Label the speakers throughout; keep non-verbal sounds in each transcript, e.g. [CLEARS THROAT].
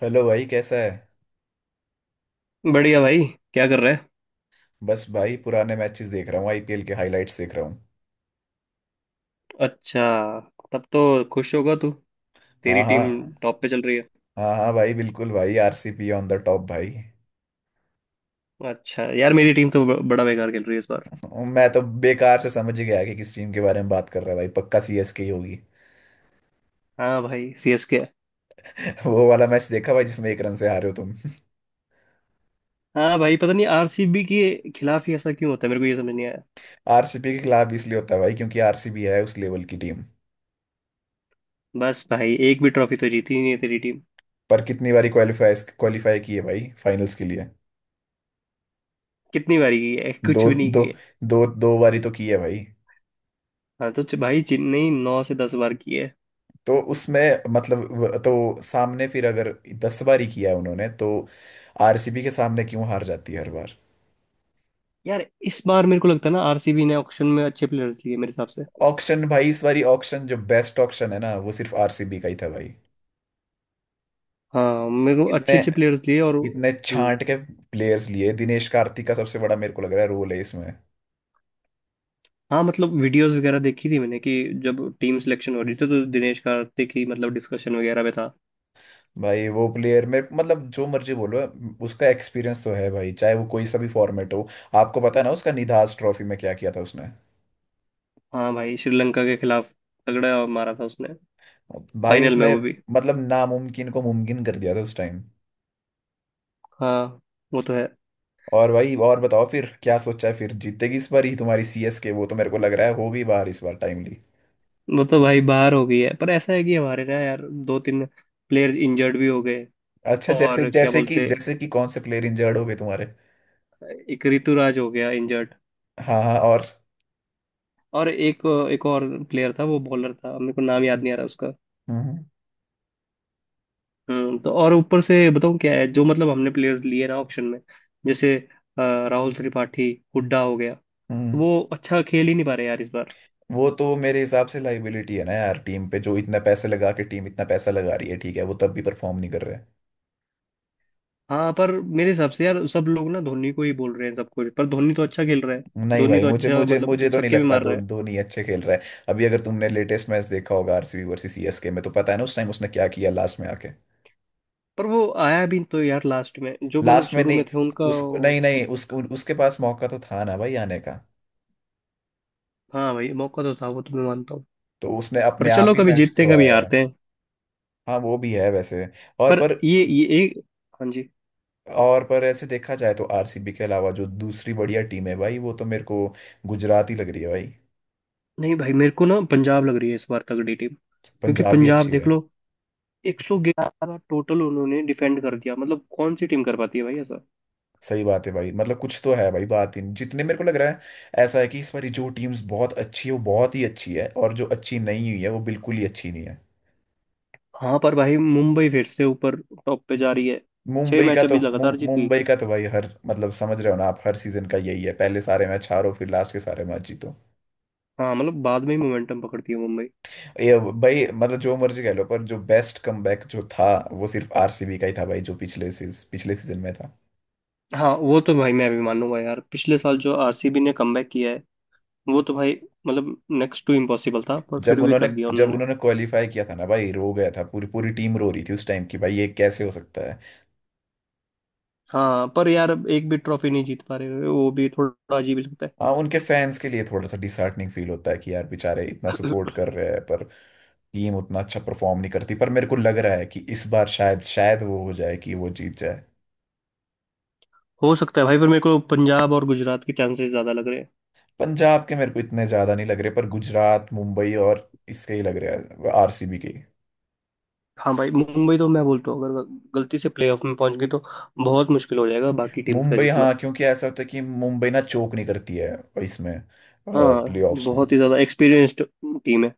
Speaker 1: Hello भाई कैसा है।
Speaker 2: बढ़िया भाई। क्या कर रहा है।
Speaker 1: बस भाई पुराने मैचेस देख रहा हूँ, आईपीएल के हाइलाइट्स देख रहा हूँ।
Speaker 2: अच्छा। तब तो खुश होगा तू।
Speaker 1: हाँ
Speaker 2: तेरी टीम
Speaker 1: हाँ।
Speaker 2: टॉप पे चल रही है।
Speaker 1: हाँ हाँ भाई, बिल्कुल भाई, आरसीपी ऑन द टॉप भाई।
Speaker 2: अच्छा यार मेरी टीम तो बड़ा बेकार खेल रही है इस बार।
Speaker 1: मैं तो बेकार से समझ ही गया कि किस टीम के बारे में बात कर रहा है भाई, पक्का सीएसके ही होगी।
Speaker 2: हाँ भाई सीएसके।
Speaker 1: [LAUGHS] वो वाला मैच देखा भाई जिसमें 1 रन से हारे हो तुम।
Speaker 2: हाँ भाई पता नहीं आरसीबी के खिलाफ ही ऐसा क्यों होता है मेरे को ये समझ नहीं आया।
Speaker 1: [LAUGHS] आरसीपी के खिलाफ भी इसलिए होता है भाई क्योंकि आरसीबी है उस लेवल की टीम।
Speaker 2: बस भाई एक भी ट्रॉफी तो जीती ही नहीं है तेरी टीम।
Speaker 1: पर कितनी बारी क्वालिफाई क्वालिफाई की है भाई फाइनल्स के लिए।
Speaker 2: कितनी बारी की है
Speaker 1: दो
Speaker 2: कुछ भी नहीं
Speaker 1: दो
Speaker 2: की है।
Speaker 1: दो दो बारी तो की है भाई।
Speaker 2: हाँ तो भाई चेन्नई 9 से 10 बार की है।
Speaker 1: तो उसमें मतलब तो सामने फिर अगर 10 बार ही किया है उन्होंने तो। आरसीबी के सामने क्यों हार जाती है हर बार।
Speaker 2: यार इस बार मेरे को लगता है ना आरसीबी ने ऑक्शन में अच्छे प्लेयर्स लिए मेरे हिसाब से।
Speaker 1: ऑक्शन भाई, इस बारी ऑक्शन जो बेस्ट ऑक्शन है ना वो सिर्फ आरसीबी का ही था भाई।
Speaker 2: हाँ मेरे को अच्छे
Speaker 1: इतने
Speaker 2: अच्छे प्लेयर्स लिए और।
Speaker 1: इतने
Speaker 2: हम्म।
Speaker 1: छांट के प्लेयर्स लिए, दिनेश कार्तिक का सबसे बड़ा मेरे को लग रहा है रोल है इसमें।
Speaker 2: हाँ मतलब वीडियोस वगैरह देखी थी मैंने कि जब टीम सिलेक्शन हो रही थी तो दिनेश कार्तिक ही मतलब डिस्कशन वगैरह में था।
Speaker 1: भाई वो प्लेयर मेरे मतलब जो मर्जी बोलो, उसका एक्सपीरियंस तो है भाई चाहे वो कोई सा भी फॉर्मेट हो। आपको पता है ना उसका निधास ट्रॉफी में क्या किया था उसने।
Speaker 2: हाँ भाई श्रीलंका के खिलाफ तगड़ा मारा था उसने।
Speaker 1: भाई
Speaker 2: फाइनल में
Speaker 1: उसने
Speaker 2: वो भी।
Speaker 1: मतलब नामुमकिन को मुमकिन कर दिया था उस टाइम।
Speaker 2: हाँ वो तो है।
Speaker 1: और भाई और बताओ फिर, क्या सोचा है फिर जीतेगी इस बार ही तुम्हारी सीएसके? वो तो मेरे को लग रहा है होगी बाहर इस बार टाइमली।
Speaker 2: वो तो भाई बाहर हो गई है पर ऐसा है कि हमारे ना यार दो तीन प्लेयर्स इंजर्ड भी हो गए।
Speaker 1: अच्छा जैसे
Speaker 2: और क्या बोलते।
Speaker 1: जैसे कि कौन से प्लेयर इंजर्ड हो गए तुम्हारे?
Speaker 2: एक ऋतुराज हो गया इंजर्ड।
Speaker 1: हाँ हाँ, और?
Speaker 2: और एक एक और प्लेयर था वो बॉलर था मेरे को नाम याद नहीं आ रहा उसका।
Speaker 1: हम्म हम्म
Speaker 2: तो और ऊपर से बताऊं क्या है जो मतलब हमने प्लेयर्स लिए ना ऑप्शन में जैसे अ, राहुल त्रिपाठी हुड्डा हो गया तो
Speaker 1: हम्म।
Speaker 2: वो अच्छा खेल ही नहीं पा रहे यार इस बार।
Speaker 1: वो तो मेरे हिसाब से लाइबिलिटी है ना यार, टीम पे जो इतना पैसा लगा के टीम इतना पैसा लगा रही है, ठीक है वो तब भी परफॉर्म नहीं कर रहे हैं।
Speaker 2: हाँ पर मेरे हिसाब से यार सब लोग ना धोनी को ही बोल रहे हैं सब कुछ पर धोनी तो अच्छा खेल रहा है।
Speaker 1: नहीं
Speaker 2: धोनी
Speaker 1: भाई,
Speaker 2: तो
Speaker 1: मुझे
Speaker 2: अच्छा
Speaker 1: मुझे मुझे
Speaker 2: मतलब
Speaker 1: तो नहीं
Speaker 2: छक्के भी
Speaker 1: लगता
Speaker 2: मार
Speaker 1: दो
Speaker 2: रहा है।
Speaker 1: धोनी अच्छे खेल रहा है। अभी अगर तुमने लेटेस्ट मैच देखा होगा आरसीबी वर्सेस सीएसके में तो पता है ना उस टाइम उसने क्या किया लास्ट में आके।
Speaker 2: पर वो आया भी तो यार लास्ट में जो मतलब
Speaker 1: लास्ट में
Speaker 2: शुरू
Speaker 1: नहीं।
Speaker 2: में थे उनका
Speaker 1: उस
Speaker 2: वो-
Speaker 1: नहीं नहीं उसके पास मौका तो था ना भाई आने का।
Speaker 2: हाँ भाई मौका तो था वो तो मैं मानता हूँ।
Speaker 1: तो उसने
Speaker 2: पर
Speaker 1: अपने आप
Speaker 2: चलो
Speaker 1: ही
Speaker 2: कभी
Speaker 1: मैच
Speaker 2: जीतते हैं कभी
Speaker 1: खवाया है।
Speaker 2: हारते हैं।
Speaker 1: हाँ वो भी है वैसे। और
Speaker 2: पर
Speaker 1: पर
Speaker 2: ये एक। हाँ जी।
Speaker 1: और पर ऐसे देखा जाए तो आरसीबी के अलावा जो दूसरी बढ़िया टीम है भाई, वो तो मेरे को गुजरात ही लग रही है भाई।
Speaker 2: नहीं भाई मेरे को ना पंजाब लग रही है इस बार तगड़ी टीम। क्योंकि
Speaker 1: पंजाब भी
Speaker 2: पंजाब
Speaker 1: अच्छी
Speaker 2: देख
Speaker 1: है।
Speaker 2: लो 111 टोटल उन्होंने डिफेंड कर दिया मतलब कौन सी टीम कर पाती है भाई ऐसा।
Speaker 1: सही बात है भाई मतलब कुछ तो है भाई, बात ही नहीं जितने मेरे को लग रहा है। ऐसा है कि इस बारी जो टीम्स बहुत अच्छी है वो बहुत ही अच्छी है, और जो अच्छी नहीं हुई है वो बिल्कुल ही अच्छी नहीं है।
Speaker 2: हाँ पर भाई मुंबई फिर से ऊपर टॉप पे जा रही है। छह
Speaker 1: मुंबई का
Speaker 2: मैच
Speaker 1: तो
Speaker 2: अभी लगातार जीती।
Speaker 1: मुंबई का तो भाई हर मतलब समझ रहे हो ना आप, हर सीजन का यही है, पहले सारे मैच हारो फिर लास्ट के सारे मैच जीतो।
Speaker 2: हाँ मतलब बाद में ही मोमेंटम पकड़ती है मुंबई।
Speaker 1: ये भाई मतलब जो मर्जी कह लो, पर जो बेस्ट कमबैक जो था वो सिर्फ आरसीबी का ही था भाई, जो पिछले पिछले सीजन में था।
Speaker 2: हाँ वो तो भाई मैं भी मानूंगा यार पिछले साल जो आरसीबी ने कमबैक किया है वो तो भाई मतलब नेक्स्ट टू इम्पॉसिबल था पर फिर
Speaker 1: जब
Speaker 2: भी
Speaker 1: उन्होंने
Speaker 2: कर दिया
Speaker 1: जब
Speaker 2: उन्होंने।
Speaker 1: उन्होंने क्वालिफाई किया था ना भाई, रो गया था, पूरी पूरी टीम रो रही थी उस टाइम की भाई ये कैसे हो सकता है।
Speaker 2: हाँ पर यार अब एक भी ट्रॉफी नहीं जीत पा रहे वो भी थोड़ा अजीब ही लगता
Speaker 1: हाँ उनके फैंस के लिए थोड़ा सा डिसहार्टनिंग फील होता है कि यार बेचारे इतना
Speaker 2: है।
Speaker 1: सपोर्ट
Speaker 2: [COUGHS]
Speaker 1: कर रहे हैं पर टीम उतना अच्छा परफॉर्म नहीं करती, पर मेरे को लग रहा है कि इस बार शायद शायद वो हो जाए कि वो जीत जाए।
Speaker 2: [CLEARS THROAT] हो सकता है भाई पर मेरे को पंजाब और गुजरात के चांसेस ज्यादा लग रहे हैं।
Speaker 1: पंजाब के मेरे को इतने ज्यादा नहीं लग रहे, पर गुजरात मुंबई और इसके ही लग रहे हैं आरसीबी के ही।
Speaker 2: हाँ भाई मुंबई तो मैं बोलता हूँ अगर गलती से प्लेऑफ में पहुंच गई तो बहुत मुश्किल हो जाएगा बाकी टीम्स का
Speaker 1: मुंबई
Speaker 2: जीतना।
Speaker 1: हाँ, क्योंकि ऐसा होता है कि मुंबई ना चोक नहीं करती है इसमें
Speaker 2: हाँ
Speaker 1: प्लेऑफ्स में।
Speaker 2: बहुत ही ज्यादा एक्सपीरियंस्ड टीम है।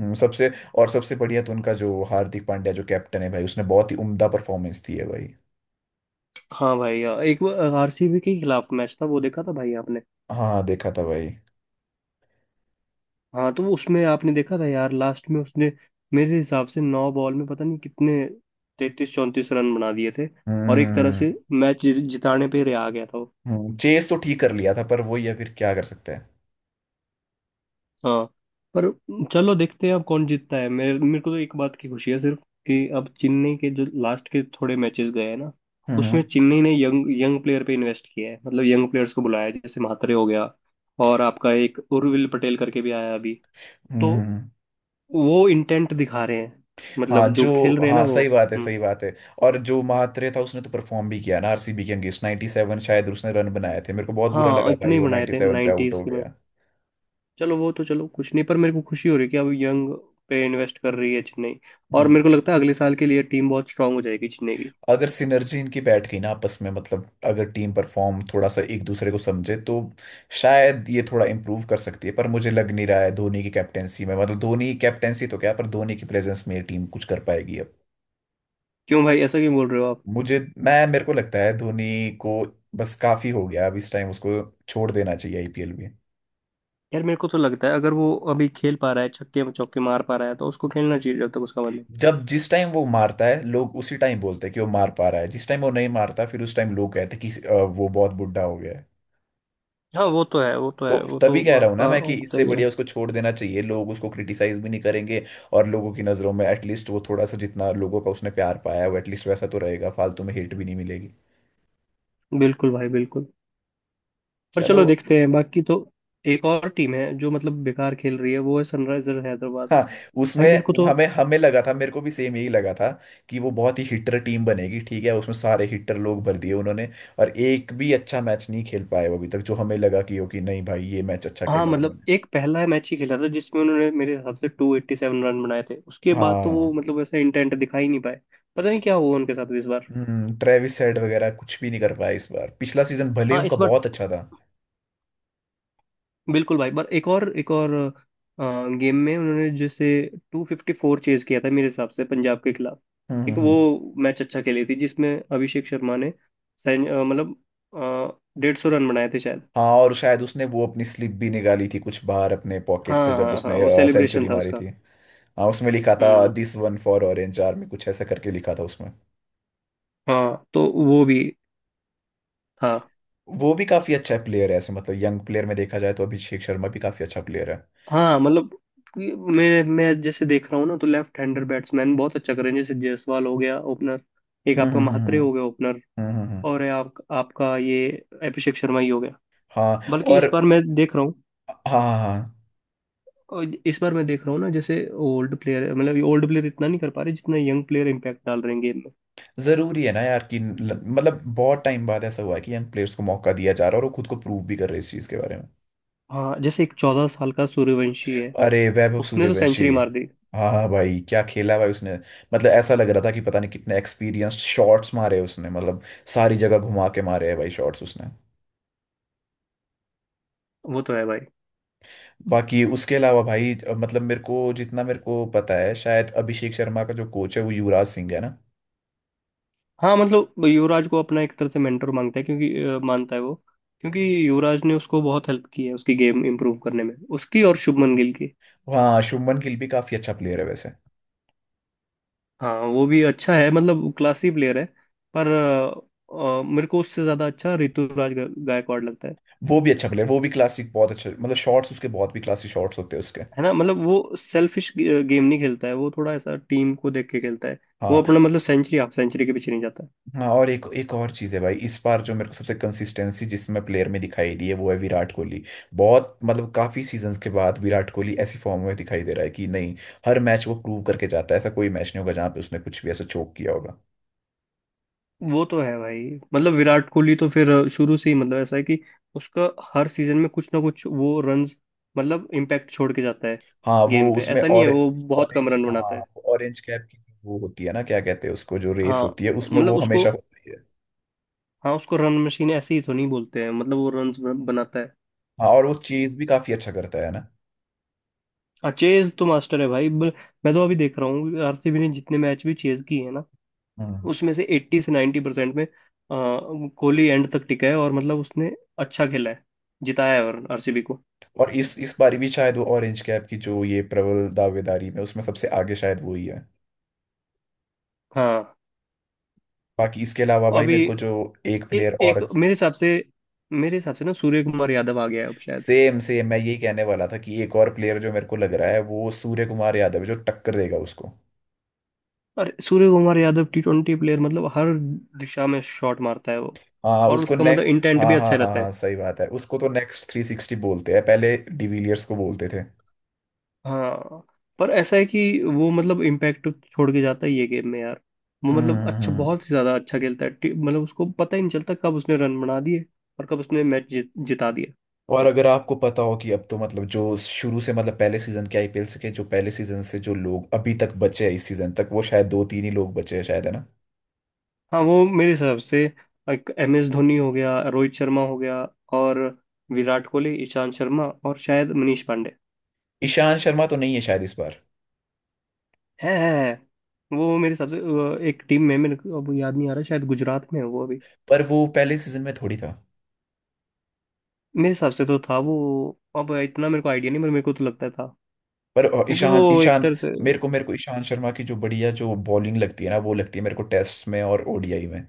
Speaker 1: सबसे और सबसे बढ़िया तो उनका जो हार्दिक पांड्या जो कैप्टन है भाई, उसने बहुत ही उम्दा परफॉर्मेंस दी है भाई।
Speaker 2: हाँ भाई यार एक बार आरसीबी के खिलाफ मैच था वो देखा था भाई आपने।
Speaker 1: हाँ देखा था भाई।
Speaker 2: हाँ तो उसमें आपने देखा था यार लास्ट में उसने मेरे हिसाब से नौ बॉल में पता नहीं कितने 33 34 रन बना दिए थे और एक तरह
Speaker 1: हम्म
Speaker 2: से मैच जिताने पे रहा गया था वो।
Speaker 1: चेस तो ठीक कर लिया था पर वही है फिर क्या कर सकते हैं।
Speaker 2: हाँ। पर चलो देखते हैं अब कौन जीतता है मेरे मेरे को तो एक बात की खुशी है सिर्फ कि अब चेन्नई के जो लास्ट के थोड़े मैचेस गए हैं ना उसमें
Speaker 1: हम्म
Speaker 2: चेन्नई ने यंग यंग प्लेयर पे इन्वेस्ट किया है मतलब यंग प्लेयर्स को बुलाया है, जैसे म्हात्रे हो गया और आपका एक उर्विल पटेल करके भी आया अभी। तो
Speaker 1: हम्म हम्म।
Speaker 2: वो इंटेंट दिखा रहे हैं
Speaker 1: हाँ
Speaker 2: मतलब जो
Speaker 1: जो।
Speaker 2: खेल रहे हैं ना
Speaker 1: हाँ
Speaker 2: वो।
Speaker 1: सही बात है,
Speaker 2: हम्म।
Speaker 1: सही बात है। और जो महात्रे था उसने तो परफॉर्म भी किया ना आरसीबी के अगेंस्ट 97 शायद उसने रन बनाए थे, मेरे को बहुत बुरा
Speaker 2: हाँ
Speaker 1: लगा
Speaker 2: इतने
Speaker 1: भाई
Speaker 2: ही
Speaker 1: वो
Speaker 2: बनाए थे
Speaker 1: 97 पे आउट
Speaker 2: नाइन्टीज
Speaker 1: हो
Speaker 2: के में।
Speaker 1: गया।
Speaker 2: चलो वो तो चलो कुछ नहीं पर मेरे को खुशी हो रही है कि अब यंग पे इन्वेस्ट कर रही है चेन्नई। और
Speaker 1: हम्म।
Speaker 2: मेरे को लगता है अगले साल के लिए टीम बहुत स्ट्रांग हो जाएगी चेन्नई की।
Speaker 1: अगर सिनर्जी इनकी बैठ गई ना आपस में मतलब अगर टीम परफॉर्म थोड़ा सा एक दूसरे को समझे तो शायद ये थोड़ा इम्प्रूव कर सकती है, पर मुझे लग नहीं रहा है धोनी की कैप्टेंसी में, मतलब धोनी की कैप्टेंसी तो क्या, पर धोनी की प्रेजेंस में ये टीम कुछ कर पाएगी अब।
Speaker 2: क्यों भाई ऐसा क्यों बोल रहे हो आप।
Speaker 1: मुझे मैं मेरे को लगता है धोनी को बस काफी हो गया अब, इस टाइम उसको छोड़ देना चाहिए आईपीएल भी।
Speaker 2: यार मेरे को तो लगता है अगर वो अभी खेल पा रहा है छक्के चौके मार पा रहा है तो उसको खेलना चाहिए जब तक उसका मन हो।
Speaker 1: जब जिस टाइम वो मारता है लोग उसी टाइम बोलते हैं कि वो मार पा रहा है, जिस टाइम वो नहीं मारता फिर उस टाइम लोग कहते हैं कि वो बहुत बुढ़ा हो गया है।
Speaker 2: हाँ वो तो है वो तो
Speaker 1: तो
Speaker 2: है वो
Speaker 1: तभी
Speaker 2: तो
Speaker 1: कह रहा हूँ ना
Speaker 2: आपका
Speaker 1: मैं कि
Speaker 2: होता
Speaker 1: इससे
Speaker 2: ही है।
Speaker 1: बढ़िया उसको छोड़ देना चाहिए, लोग उसको क्रिटिसाइज भी नहीं करेंगे, और लोगों की नज़रों में एटलीस्ट वो थोड़ा सा, जितना लोगों का उसने प्यार पाया है वो एटलीस्ट वैसा तो रहेगा, फालतू में हेट भी नहीं मिलेगी।
Speaker 2: बिल्कुल भाई बिल्कुल। पर
Speaker 1: चलो।
Speaker 2: चलो देखते हैं बाकी तो। एक और टीम है जो मतलब बेकार खेल रही है वो है सनराइजर हैदराबाद।
Speaker 1: हाँ उसमें।
Speaker 2: भाई मेरे को तो।
Speaker 1: हमें हमें लगा था, मेरे को भी सेम यही लगा था कि वो बहुत ही हिटर टीम बनेगी, ठीक है उसमें सारे हिटर लोग भर दिए उन्होंने, और एक भी अच्छा मैच नहीं खेल पाए वो अभी तक, जो हमें लगा कि ओके नहीं भाई ये मैच अच्छा
Speaker 2: हाँ
Speaker 1: खेला
Speaker 2: मतलब
Speaker 1: उन्होंने।
Speaker 2: एक पहला मैच ही खेला था जिसमें उन्होंने मेरे हिसाब से 287 रन बनाए थे उसके बाद तो वो
Speaker 1: हाँ।
Speaker 2: मतलब वैसा इंटेंट दिखा ही नहीं पाए। पता नहीं क्या हुआ उनके साथ इस बार।
Speaker 1: हम्म। ट्रेविस हेड वगैरह कुछ भी नहीं कर पाए इस बार, पिछला सीजन भले ही
Speaker 2: हाँ
Speaker 1: उनका
Speaker 2: इस बार
Speaker 1: बहुत अच्छा था।
Speaker 2: बिल्कुल भाई पर एक और गेम में उन्होंने जैसे 254 चेज किया था मेरे हिसाब से पंजाब के खिलाफ।
Speaker 1: हम्म
Speaker 2: एक
Speaker 1: हम्म,
Speaker 2: वो
Speaker 1: हम्म।
Speaker 2: मैच अच्छा खेली थी जिसमें अभिषेक शर्मा ने मतलब 150 रन बनाए थे शायद।
Speaker 1: हाँ और शायद उसने वो अपनी स्लिप भी निकाली थी कुछ बाहर अपने पॉकेट से
Speaker 2: हाँ
Speaker 1: जब
Speaker 2: हाँ
Speaker 1: उसने
Speaker 2: हाँ वो सेलिब्रेशन
Speaker 1: सेंचुरी
Speaker 2: था
Speaker 1: मारी
Speaker 2: उसका।
Speaker 1: थी। हाँ उसमें लिखा था
Speaker 2: हम्म।
Speaker 1: This one for orange army, कुछ ऐसा करके लिखा था उसमें।
Speaker 2: हाँ तो वो भी था।
Speaker 1: वो भी काफी अच्छा प्लेयर है, ऐसे मतलब यंग प्लेयर में देखा जाए तो अभिषेक शर्मा भी काफी अच्छा प्लेयर है।
Speaker 2: हाँ मतलब कि मैं जैसे देख रहा हूँ ना तो लेफ्ट हैंडर बैट्समैन बहुत अच्छा कर रहे हैं जैसे जायसवाल हो गया ओपनर। एक
Speaker 1: हम्म
Speaker 2: आपका
Speaker 1: हम्म
Speaker 2: महात्रे
Speaker 1: हम्म
Speaker 2: हो गया ओपनर।
Speaker 1: हम्म, हम्म, हम्म,
Speaker 2: और है आपका ये अभिषेक शर्मा ही हो गया।
Speaker 1: हाँ
Speaker 2: बल्कि
Speaker 1: और।
Speaker 2: इस बार मैं देख रहा हूँ।
Speaker 1: हाँ हाँ हाँ,
Speaker 2: और इस बार मैं देख रहा हूँ ना जैसे ओल्ड प्लेयर मतलब ओल्ड प्लेयर इतना नहीं कर पा रहे जितना यंग प्लेयर इम्पैक्ट डाल रहे हैं गेम में।
Speaker 1: जरूरी है ना यार कि मतलब बहुत टाइम बाद ऐसा हुआ है कि यंग प्लेयर्स को मौका दिया जा रहा है और वो खुद को प्रूव भी कर रहे हैं इस चीज के बारे में।
Speaker 2: हाँ जैसे एक 14 साल का सूर्यवंशी है।
Speaker 1: अरे वैभव
Speaker 2: उसने तो
Speaker 1: सूर्यवंशी।
Speaker 2: सेंचुरी मार दी।
Speaker 1: हाँ हाँ भाई क्या खेला भाई उसने, मतलब ऐसा लग रहा था कि पता नहीं कितने एक्सपीरियंस्ड शॉट्स मारे उसने, मतलब सारी जगह घुमा के मारे हैं भाई शॉट्स उसने।
Speaker 2: वो तो है भाई।
Speaker 1: बाकी उसके अलावा भाई मतलब मेरे को जितना मेरे को पता है शायद अभिषेक शर्मा का जो कोच है वो युवराज सिंह है ना।
Speaker 2: हाँ मतलब युवराज को अपना एक तरह से मेंटर मांगता है क्योंकि मानता है वो क्योंकि युवराज ने उसको बहुत हेल्प की है उसकी गेम इंप्रूव करने में उसकी और शुभमन गिल की।
Speaker 1: हाँ शुभमन गिल भी काफी अच्छा प्लेयर है वैसे।
Speaker 2: हाँ वो भी अच्छा है मतलब क्लासी प्लेयर है। पर मेरे को उससे ज्यादा अच्छा ऋतुराज गायकवाड़ लगता है।
Speaker 1: वो भी अच्छा प्लेयर, वो भी क्लासिक बहुत अच्छा, मतलब शॉट्स उसके, बहुत भी क्लासिक शॉट्स होते हैं उसके।
Speaker 2: है ना मतलब वो सेल्फिश गेम नहीं खेलता है वो थोड़ा ऐसा टीम को देख के खेलता है। वो अपना
Speaker 1: हाँ।
Speaker 2: मतलब सेंचुरी हाफ सेंचुरी के पीछे नहीं जाता है।
Speaker 1: हाँ और एक एक और चीज़ है भाई इस बार जो मेरे को सबसे कंसिस्टेंसी जिसमें प्लेयर में दिखाई दी है वो है विराट कोहली। बहुत मतलब काफी सीजन्स के बाद विराट कोहली ऐसी फॉर्म में दिखाई दे रहा है कि नहीं, हर मैच वो प्रूव करके जाता है, ऐसा कोई मैच नहीं होगा जहाँ पे उसने कुछ भी ऐसा चोक किया होगा।
Speaker 2: वो तो है भाई मतलब विराट कोहली तो फिर शुरू से ही मतलब ऐसा है कि उसका हर सीजन में कुछ ना कुछ वो रन मतलब इम्पैक्ट छोड़ के जाता है
Speaker 1: हाँ वो
Speaker 2: गेम पे
Speaker 1: उसमें
Speaker 2: ऐसा नहीं
Speaker 1: और।
Speaker 2: है वो बहुत कम
Speaker 1: ऑरेंज
Speaker 2: रन बनाता है।
Speaker 1: हाँ, ऑरेंज कैप की वो होती है ना, क्या कहते हैं उसको, जो रेस
Speaker 2: हाँ
Speaker 1: होती है उसमें
Speaker 2: मतलब
Speaker 1: वो
Speaker 2: उसको।
Speaker 1: हमेशा होता ही है।
Speaker 2: हाँ उसको रन मशीन ऐसे ही तो नहीं बोलते हैं मतलब वो रन बनाता है।
Speaker 1: हाँ और वो चेज भी काफी अच्छा करता है ना।
Speaker 2: हाँ चेज तो मास्टर है भाई। मैं तो अभी देख रहा हूँ आरसीबी ने जितने मैच भी चेज किए हैं ना
Speaker 1: हम्म।
Speaker 2: उसमें से 80 से 90% में कोहली एंड तक टिका है और मतलब उसने अच्छा खेला है। जिताया है और आरसीबी को।
Speaker 1: और इस बार भी शायद वो ऑरेंज कैप की जो ये प्रबल दावेदारी में उसमें सबसे आगे शायद वो ही है।
Speaker 2: हाँ
Speaker 1: बाकी इसके अलावा भाई
Speaker 2: अभी
Speaker 1: मेरे को जो एक प्लेयर और।
Speaker 2: एक मेरे हिसाब से ना सूर्य कुमार यादव आ गया है अब शायद।
Speaker 1: सेम सेम मैं यही कहने वाला था कि एक और प्लेयर जो मेरे को लग रहा है वो सूर्य कुमार यादव है, जो टक्कर देगा उसको।
Speaker 2: और Suryakumar Yadav T20 player मतलब हर दिशा में शॉट मारता है वो।
Speaker 1: हाँ
Speaker 2: और
Speaker 1: उसको
Speaker 2: उसका
Speaker 1: ने।
Speaker 2: मतलब इंटेंट
Speaker 1: हाँ
Speaker 2: भी
Speaker 1: हाँ
Speaker 2: अच्छा
Speaker 1: हाँ
Speaker 2: रहता
Speaker 1: हाँ
Speaker 2: है।
Speaker 1: सही बात है, उसको तो नेक्स्ट थ्री सिक्सटी बोलते हैं, पहले डिविलियर्स को बोलते थे।
Speaker 2: हाँ पर ऐसा है कि वो मतलब इम्पैक्ट छोड़ के जाता है ये गेम में यार। वो मतलब
Speaker 1: हम्म
Speaker 2: अच्छा
Speaker 1: हम्म।
Speaker 2: बहुत ही ज्यादा अच्छा खेलता है मतलब उसको पता ही नहीं चलता कब उसने रन बना दिए। और कब उसने मैच जिता दिया।
Speaker 1: और अगर आपको पता हो कि अब तो मतलब जो शुरू से, मतलब पहले सीजन के आईपीएल से के, जो पहले सीजन से जो लोग अभी तक बचे हैं इस सीजन तक, वो शायद दो तीन ही लोग बचे हैं शायद, है ना।
Speaker 2: हाँ वो मेरे हिसाब से एमएस धोनी हो गया रोहित शर्मा हो गया और विराट कोहली ईशांत शर्मा और शायद मनीष पांडे।
Speaker 1: ईशांत शर्मा तो नहीं है शायद इस बार।
Speaker 2: है, है। वो मेरे हिसाब से एक टीम में मेरे को अब याद नहीं आ रहा शायद गुजरात में है वो अभी।
Speaker 1: पर वो पहले सीजन में थोड़ी था।
Speaker 2: मेरे हिसाब से तो था वो। अब इतना मेरे को आइडिया नहीं पर मेरे को तो लगता था
Speaker 1: पर
Speaker 2: क्योंकि
Speaker 1: ईशांत
Speaker 2: वो एक
Speaker 1: ईशांत
Speaker 2: तरह से।
Speaker 1: मेरे को ईशांत शर्मा की जो बढ़िया जो बॉलिंग लगती है ना वो लगती है मेरे को टेस्ट में और ओडीआई में।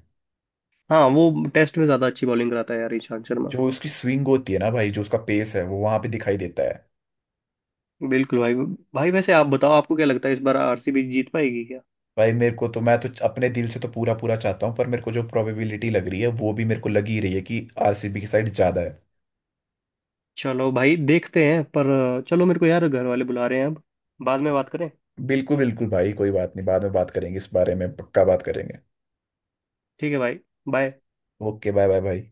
Speaker 2: हाँ वो टेस्ट में ज्यादा अच्छी बॉलिंग कराता है यार ईशांत शर्मा।
Speaker 1: जो उसकी स्विंग होती है ना भाई, जो उसका पेस है वो वहां पे दिखाई देता है।
Speaker 2: बिल्कुल भाई। भाई वैसे आप बताओ आपको क्या लगता है इस बार आरसीबी जीत पाएगी क्या।
Speaker 1: भाई मेरे को तो, मैं तो अपने दिल से तो पूरा पूरा चाहता हूँ, पर मेरे को जो प्रोबेबिलिटी लग रही है वो भी मेरे को लग ही रही है कि आरसीबी की साइड ज्यादा है।
Speaker 2: चलो भाई देखते हैं पर चलो मेरे को यार घर वाले बुला रहे हैं अब बाद में बात करें।
Speaker 1: बिल्कुल बिल्कुल भाई कोई बात नहीं, बाद में बात करेंगे, इस बारे में पक्का बात करेंगे।
Speaker 2: ठीक है भाई। बाय।
Speaker 1: ओके बाय बाय भाई।